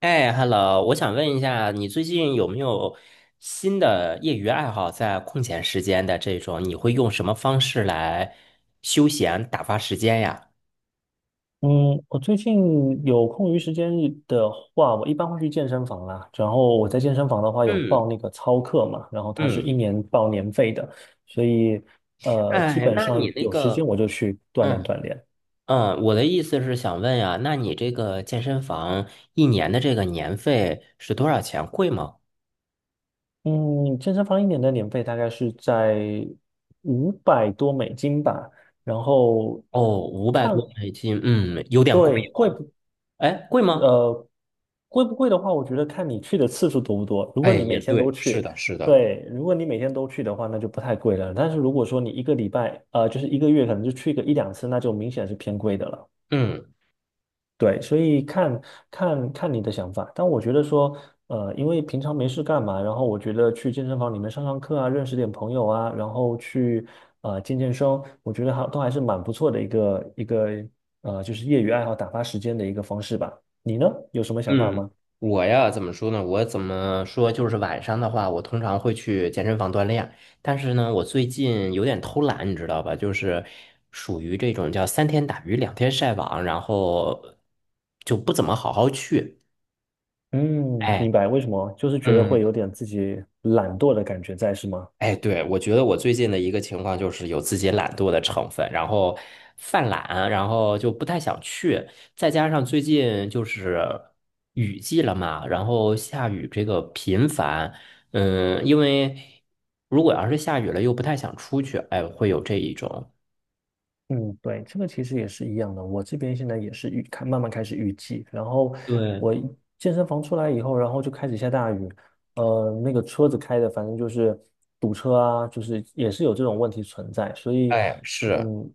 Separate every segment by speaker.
Speaker 1: 哎，Hello，我想问一下，你最近有没有新的业余爱好？在空闲时间的这种，你会用什么方式来休闲打发时间呀？
Speaker 2: 嗯，我最近有空余时间的话，我一般会去健身房啦。然后我在健身房的话有报
Speaker 1: 嗯
Speaker 2: 那个操课嘛，然后它是一
Speaker 1: 嗯，
Speaker 2: 年报年费的，所以基
Speaker 1: 哎，
Speaker 2: 本
Speaker 1: 那你
Speaker 2: 上
Speaker 1: 那
Speaker 2: 有时间
Speaker 1: 个，
Speaker 2: 我就去锻炼
Speaker 1: 嗯
Speaker 2: 锻炼。
Speaker 1: 嗯，我的意思是想问呀，那你这个健身房1年的这个年费是多少钱？贵吗？
Speaker 2: 嗯，健身房一年的年费大概是在500多美金吧，然后
Speaker 1: 哦，五百
Speaker 2: 看，
Speaker 1: 多美金，嗯，有点贵
Speaker 2: 对，贵，
Speaker 1: 哦。
Speaker 2: 不？
Speaker 1: 哎，贵吗？
Speaker 2: 呃，贵不贵的话，我觉得看你去的次数多不多。如果
Speaker 1: 哎，
Speaker 2: 你
Speaker 1: 也
Speaker 2: 每天都
Speaker 1: 对，是
Speaker 2: 去，
Speaker 1: 的，是的，
Speaker 2: 对，如果你每天都去的话，那就不太贵了。但是如果说你一个礼拜，就是一个月，可能就去个一两次，那就明显是偏贵的了。
Speaker 1: 嗯。
Speaker 2: 对，所以看看你的想法，但我觉得说，因为平常没事干嘛，然后我觉得去健身房里面上上课啊，认识点朋友啊，然后去健身，我觉得还都还是蛮不错的一个就是业余爱好打发时间的一个方式吧。你呢，有什么想法
Speaker 1: 嗯，
Speaker 2: 吗？
Speaker 1: 我呀，怎么说呢？我怎么说？就是晚上的话，我通常会去健身房锻炼。但是呢，我最近有点偷懒，你知道吧？就是属于这种叫三天打鱼两天晒网，然后就不怎么好好去。
Speaker 2: 嗯，明
Speaker 1: 哎，
Speaker 2: 白，为什么？就是觉得
Speaker 1: 嗯。
Speaker 2: 会有点自己懒惰的感觉在，是吗？
Speaker 1: 哎，对，我觉得我最近的一个情况就是有自己懒惰的成分，然后犯懒，然后就不太想去，再加上最近就是雨季了嘛，然后下雨这个频繁，嗯，因为如果要是下雨了又不太想出去，哎，会有这一种。
Speaker 2: 嗯，对，这个其实也是一样的。我这边现在也是预开，慢慢开始预计。然后
Speaker 1: 对，
Speaker 2: 我一健身房出来以后，然后就开始下大雨，那个车子开的反正就是堵车啊，就是也是有这种问题存在。所以，
Speaker 1: 哎，是。
Speaker 2: 嗯，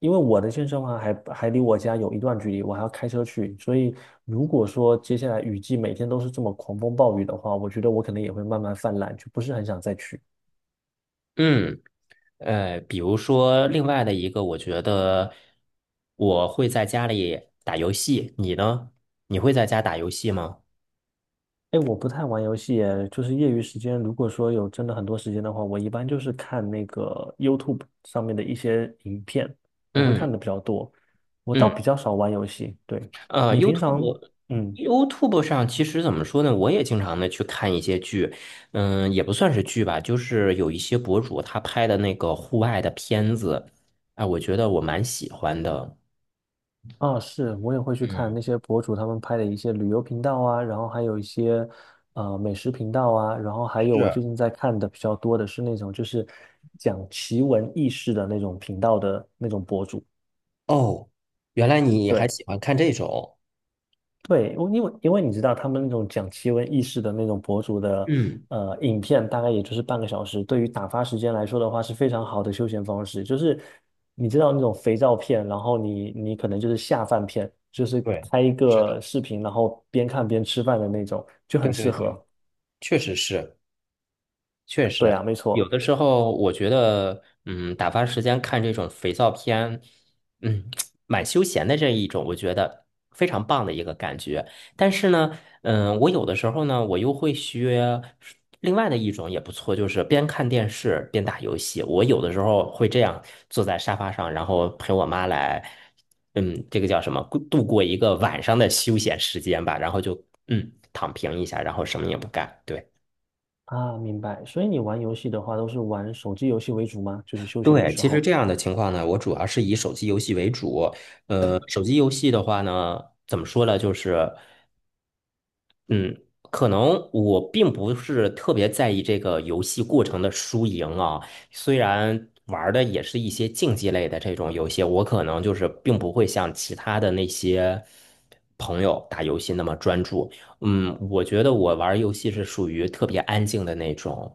Speaker 2: 因为我的健身房还离我家有一段距离，我还要开车去。所以，如果说接下来雨季每天都是这么狂风暴雨的话，我觉得我可能也会慢慢泛滥，就不是很想再去。
Speaker 1: 嗯，比如说另外的一个，我觉得我会在家里打游戏，你呢？你会在家打游戏吗？
Speaker 2: 哎，我不太玩游戏耶，就是业余时间，如果说有真的很多时间的话，我一般就是看那个 YouTube 上面的一些影片，我会
Speaker 1: 嗯。
Speaker 2: 看的比较多。我倒
Speaker 1: 嗯，
Speaker 2: 比较少玩游戏。对，
Speaker 1: 呃
Speaker 2: 你平常，
Speaker 1: ，YouTube
Speaker 2: 嗯，
Speaker 1: YouTube 上其实怎么说呢，我也经常的去看一些剧，嗯，也不算是剧吧，就是有一些博主他拍的那个户外的片子，哎，我觉得我蛮喜欢的。
Speaker 2: 啊，是，我也会去看
Speaker 1: 嗯，
Speaker 2: 那些博主他们拍的一些旅游频道啊，然后还有一些美食频道啊，然后还有我最近在看的比较多的是那种就是讲奇闻异事的那种频道的那种博主。
Speaker 1: 哦，原来你还
Speaker 2: 对。
Speaker 1: 喜欢看这种。
Speaker 2: 对，我因为你知道，他们那种讲奇闻异事的那种博主的
Speaker 1: 嗯，
Speaker 2: 影片，大概也就是半个小时，对于打发时间来说的话，是非常好的休闲方式。就是你知道那种肥皂片，然后你可能就是下饭片，就是
Speaker 1: 对，对，
Speaker 2: 开一
Speaker 1: 是的，
Speaker 2: 个视频，然后边看边吃饭的那种，就很
Speaker 1: 对对
Speaker 2: 适
Speaker 1: 对，
Speaker 2: 合。
Speaker 1: 确实是。确
Speaker 2: 对
Speaker 1: 实，
Speaker 2: 啊，没
Speaker 1: 有
Speaker 2: 错
Speaker 1: 的时候我觉得，打发时间看这种肥皂片，嗯，蛮休闲的这一种，我觉得非常棒的一个感觉。但是呢，我有的时候呢，我又会学另外的一种也不错，就是边看电视边打游戏。我有的时候会这样坐在沙发上，然后陪我妈来，这个叫什么，过一个晚上的休闲时间吧，然后就躺平一下，然后什么也不干，对。
Speaker 2: 啊，明白。所以你玩游戏的话，都是玩手机游戏为主吗？就是休闲的
Speaker 1: 对，
Speaker 2: 时
Speaker 1: 其实
Speaker 2: 候。
Speaker 1: 这样的情况呢，我主要是以手机游戏为主。手机游戏的话呢，怎么说呢？就是，嗯，可能我并不是特别在意这个游戏过程的输赢啊。虽然玩儿的也是一些竞技类的这种游戏，我可能就是并不会像其他的那些朋友打游戏那么专注。嗯，我觉得我玩儿游戏是属于特别安静的那种。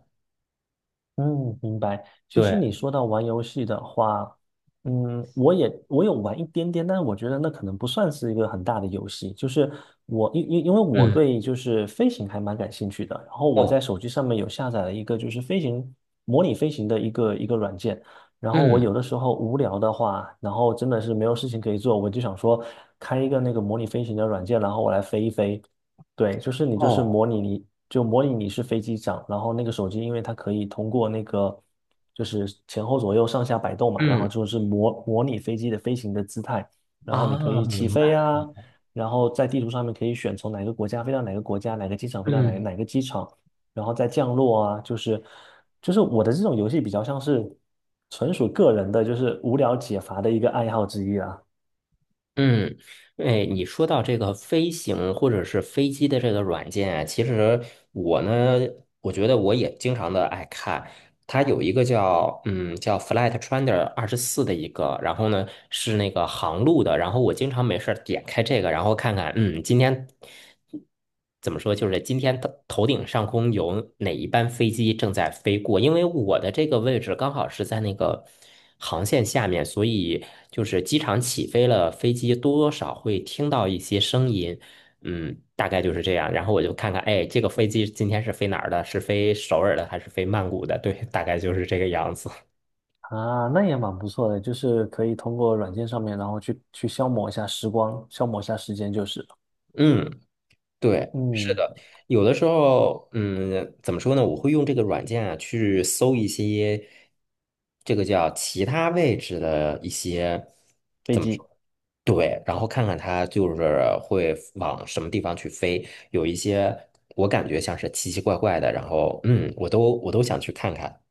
Speaker 2: 嗯，明白。其实
Speaker 1: 对，
Speaker 2: 你说到玩游戏的话，嗯，我有玩一点点，但是我觉得那可能不算是一个很大的游戏。就是我因为我
Speaker 1: 嗯，
Speaker 2: 对就是飞行还蛮感兴趣的，然后我在
Speaker 1: 哦，
Speaker 2: 手机上面有下载了一个就是模拟飞行的一个软件。然后我
Speaker 1: 嗯，
Speaker 2: 有的时候无聊的话，然后真的是没有事情可以做，我就想说开一个那个模拟飞行的软件，然后我来飞一飞。对，就是你就是
Speaker 1: 哦，
Speaker 2: 模拟你就模拟你是飞机长，然后那个手机因为它可以通过那个就是前后左右上下摆动嘛，然后
Speaker 1: 嗯。
Speaker 2: 就是模拟飞机的飞行的姿态，然后你可
Speaker 1: 啊，
Speaker 2: 以起
Speaker 1: 明
Speaker 2: 飞
Speaker 1: 白。
Speaker 2: 啊，然后在地图上面可以选从哪个国家飞到哪个国家，哪个机场飞到哪个
Speaker 1: 嗯
Speaker 2: 哪个机场，然后再降落啊，就是我的这种游戏比较像是纯属个人的，就是无聊解乏的一个爱好之一啊。
Speaker 1: 嗯，哎，你说到这个飞行或者是飞机的这个软件啊，其实我呢，我觉得我也经常的爱看。它有一个叫叫 Flight Trainer 24的一个，然后呢是那个航路的，然后我经常没事儿点开这个，然后看看今天。怎么说，就是今天的头顶上空有哪一班飞机正在飞过？因为我的这个位置刚好是在那个航线下面，所以就是机场起飞了，飞机多多少会听到一些声音，嗯，大概就是这样。然后我就看看，哎，这个飞机今天是飞哪儿的？是飞首尔的还是飞曼谷的？对，大概就是这个样子。
Speaker 2: 啊，那也蛮不错的，就是可以通过软件上面，然后去消磨一下时光，消磨一下时间就是了
Speaker 1: 嗯对，是
Speaker 2: 嗯，
Speaker 1: 的，有的时候，嗯，怎么说呢？我会用这个软件啊，去搜一些这个叫其他位置的一些
Speaker 2: 飞
Speaker 1: 怎么说？
Speaker 2: 机。
Speaker 1: 对，然后看看它就是会往什么地方去飞。有一些我感觉像是奇奇怪怪的，然后我都想去看看。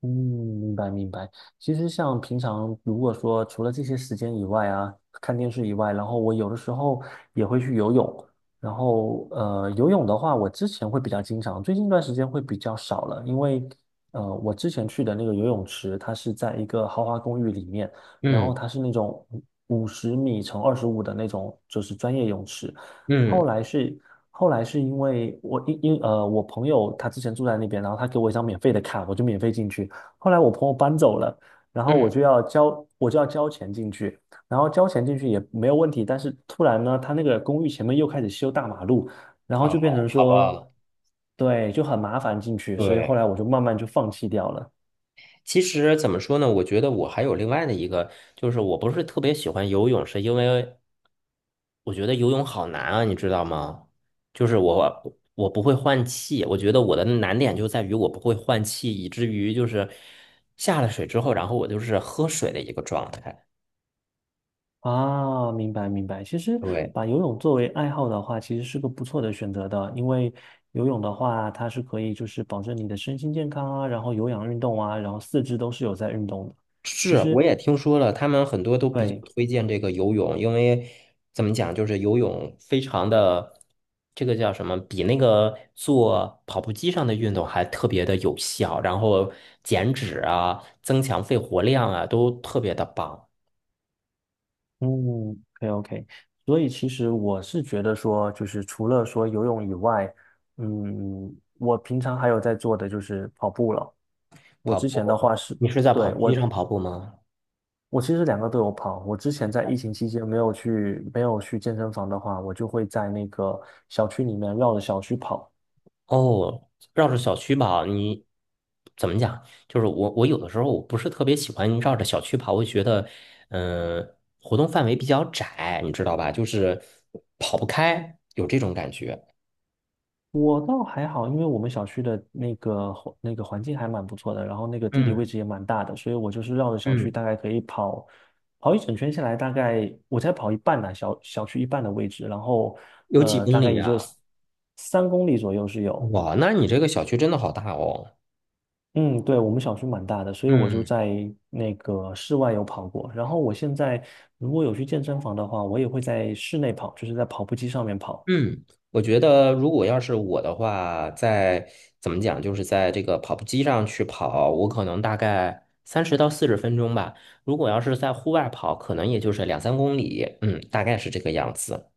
Speaker 2: 嗯，明白明白。其实像平常如果说除了这些时间以外啊，看电视以外，然后我有的时候也会去游泳。然后游泳的话，我之前会比较经常，最近一段时间会比较少了，因为我之前去的那个游泳池，它是在一个豪华公寓里面，然后
Speaker 1: 嗯
Speaker 2: 它是那种50米乘25的那种，就是专业泳池。后
Speaker 1: 嗯
Speaker 2: 来是后来是因为我因因呃我朋友他之前住在那边，然后他给我一张免费的卡，我就免费进去。后来我朋友搬走了，然后
Speaker 1: 嗯，
Speaker 2: 我就要交钱进去，然后交钱进去也没有问题，但是突然呢，他那个公寓前面又开始修大马路，然后就变
Speaker 1: 哦，
Speaker 2: 成
Speaker 1: 好
Speaker 2: 说，
Speaker 1: 吧，
Speaker 2: 对，就很麻烦进去，所以后
Speaker 1: 对。
Speaker 2: 来我就慢慢就放弃掉了。
Speaker 1: 其实怎么说呢？我觉得我还有另外的一个，就是我不是特别喜欢游泳，是因为我觉得游泳好难啊，你知道吗？就是我不会换气，我觉得我的难点就在于我不会换气，以至于就是下了水之后，然后我就是喝水的一个状态。
Speaker 2: 啊，明白明白。其实
Speaker 1: 对。
Speaker 2: 把游泳作为爱好的话，其实是个不错的选择的，因为游泳的话，它是可以就是保证你的身心健康啊，然后有氧运动啊，然后四肢都是有在运动的。其
Speaker 1: 是，
Speaker 2: 实
Speaker 1: 我也听说了，他们很多都比较
Speaker 2: 对，
Speaker 1: 推荐这个游泳，因为怎么讲，就是游泳非常的，这个叫什么，比那个做跑步机上的运动还特别的有效，然后减脂啊、增强肺活量啊，都特别的棒。
Speaker 2: 嗯，OK OK,所以其实我是觉得说，就是除了说游泳以外，我平常还有在做的就是跑步了。我
Speaker 1: 跑
Speaker 2: 之前的
Speaker 1: 步，
Speaker 2: 话是，
Speaker 1: 你是在跑
Speaker 2: 对，
Speaker 1: 步机上跑步吗？
Speaker 2: 我其实两个都有跑。我之前在疫情期间没有去健身房的话，我就会在那个小区里面绕着小区跑。
Speaker 1: 哦，绕着小区跑，你怎么讲？就是我，我有的时候我不是特别喜欢绕着小区跑，我觉得，嗯、活动范围比较窄，你知道吧？就是跑不开，有这种感觉。
Speaker 2: 我倒还好，因为我们小区的那个环境还蛮不错的，然后那个地理位
Speaker 1: 嗯
Speaker 2: 置也蛮大的，所以我就是绕着小区
Speaker 1: 嗯，
Speaker 2: 大概可以跑一整圈下来，大概我才跑一半呢、小区一半的位置，然后
Speaker 1: 有几公
Speaker 2: 大概
Speaker 1: 里
Speaker 2: 也就
Speaker 1: 啊？
Speaker 2: 3公里左右是有。
Speaker 1: 哇，那你这个小区真的好大哦。
Speaker 2: 嗯，对，我们小区蛮大的，所以我就
Speaker 1: 嗯。
Speaker 2: 在那个室外有跑过。然后我现在如果有去健身房的话，我也会在室内跑，就是在跑步机上面跑。
Speaker 1: 嗯，我觉得如果要是我的话，在怎么讲，就是在这个跑步机上去跑，我可能大概三十到四十分钟吧。如果要是在户外跑，可能也就是2、3公里，嗯，大概是这个样子。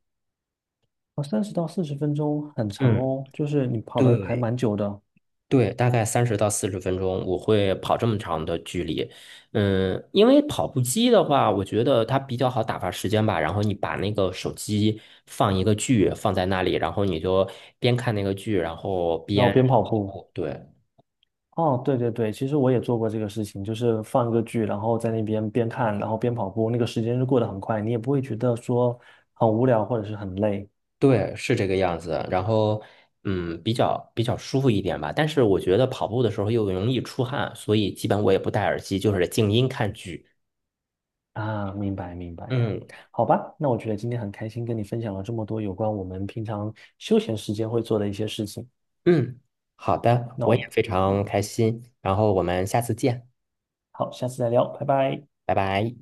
Speaker 2: 哦，30到40分钟很长
Speaker 1: 嗯，
Speaker 2: 哦，就是你跑的还
Speaker 1: 对，
Speaker 2: 蛮久的。
Speaker 1: 对，大概三十到四十分钟，我会跑这么长的距离。嗯，因为跑步机的话，我觉得它比较好打发时间吧。然后你把那个手机放一个剧放在那里，然后你就边看那个剧，然后
Speaker 2: 然后
Speaker 1: 边
Speaker 2: 边跑步。
Speaker 1: 跑。对
Speaker 2: 哦，对对对，其实我也做过这个事情，就是放一个剧，然后在那边边看，然后边跑步，那个时间就过得很快，你也不会觉得说很无聊或者是很累
Speaker 1: 对，是这个样子。然后比较舒服一点吧。但是我觉得跑步的时候又容易出汗，所以基本我也不戴耳机，就是静音看剧。
Speaker 2: 啊。明白明白，
Speaker 1: 嗯
Speaker 2: 好吧，那我觉得今天很开心跟你分享了这么多有关我们平常休闲时间会做的一些事情。
Speaker 1: 嗯，好的，
Speaker 2: 那
Speaker 1: 我也
Speaker 2: 我，
Speaker 1: 非常
Speaker 2: 嗯，
Speaker 1: 开心。然后我们下次见。
Speaker 2: 好，下次再聊，拜拜。
Speaker 1: 拜拜。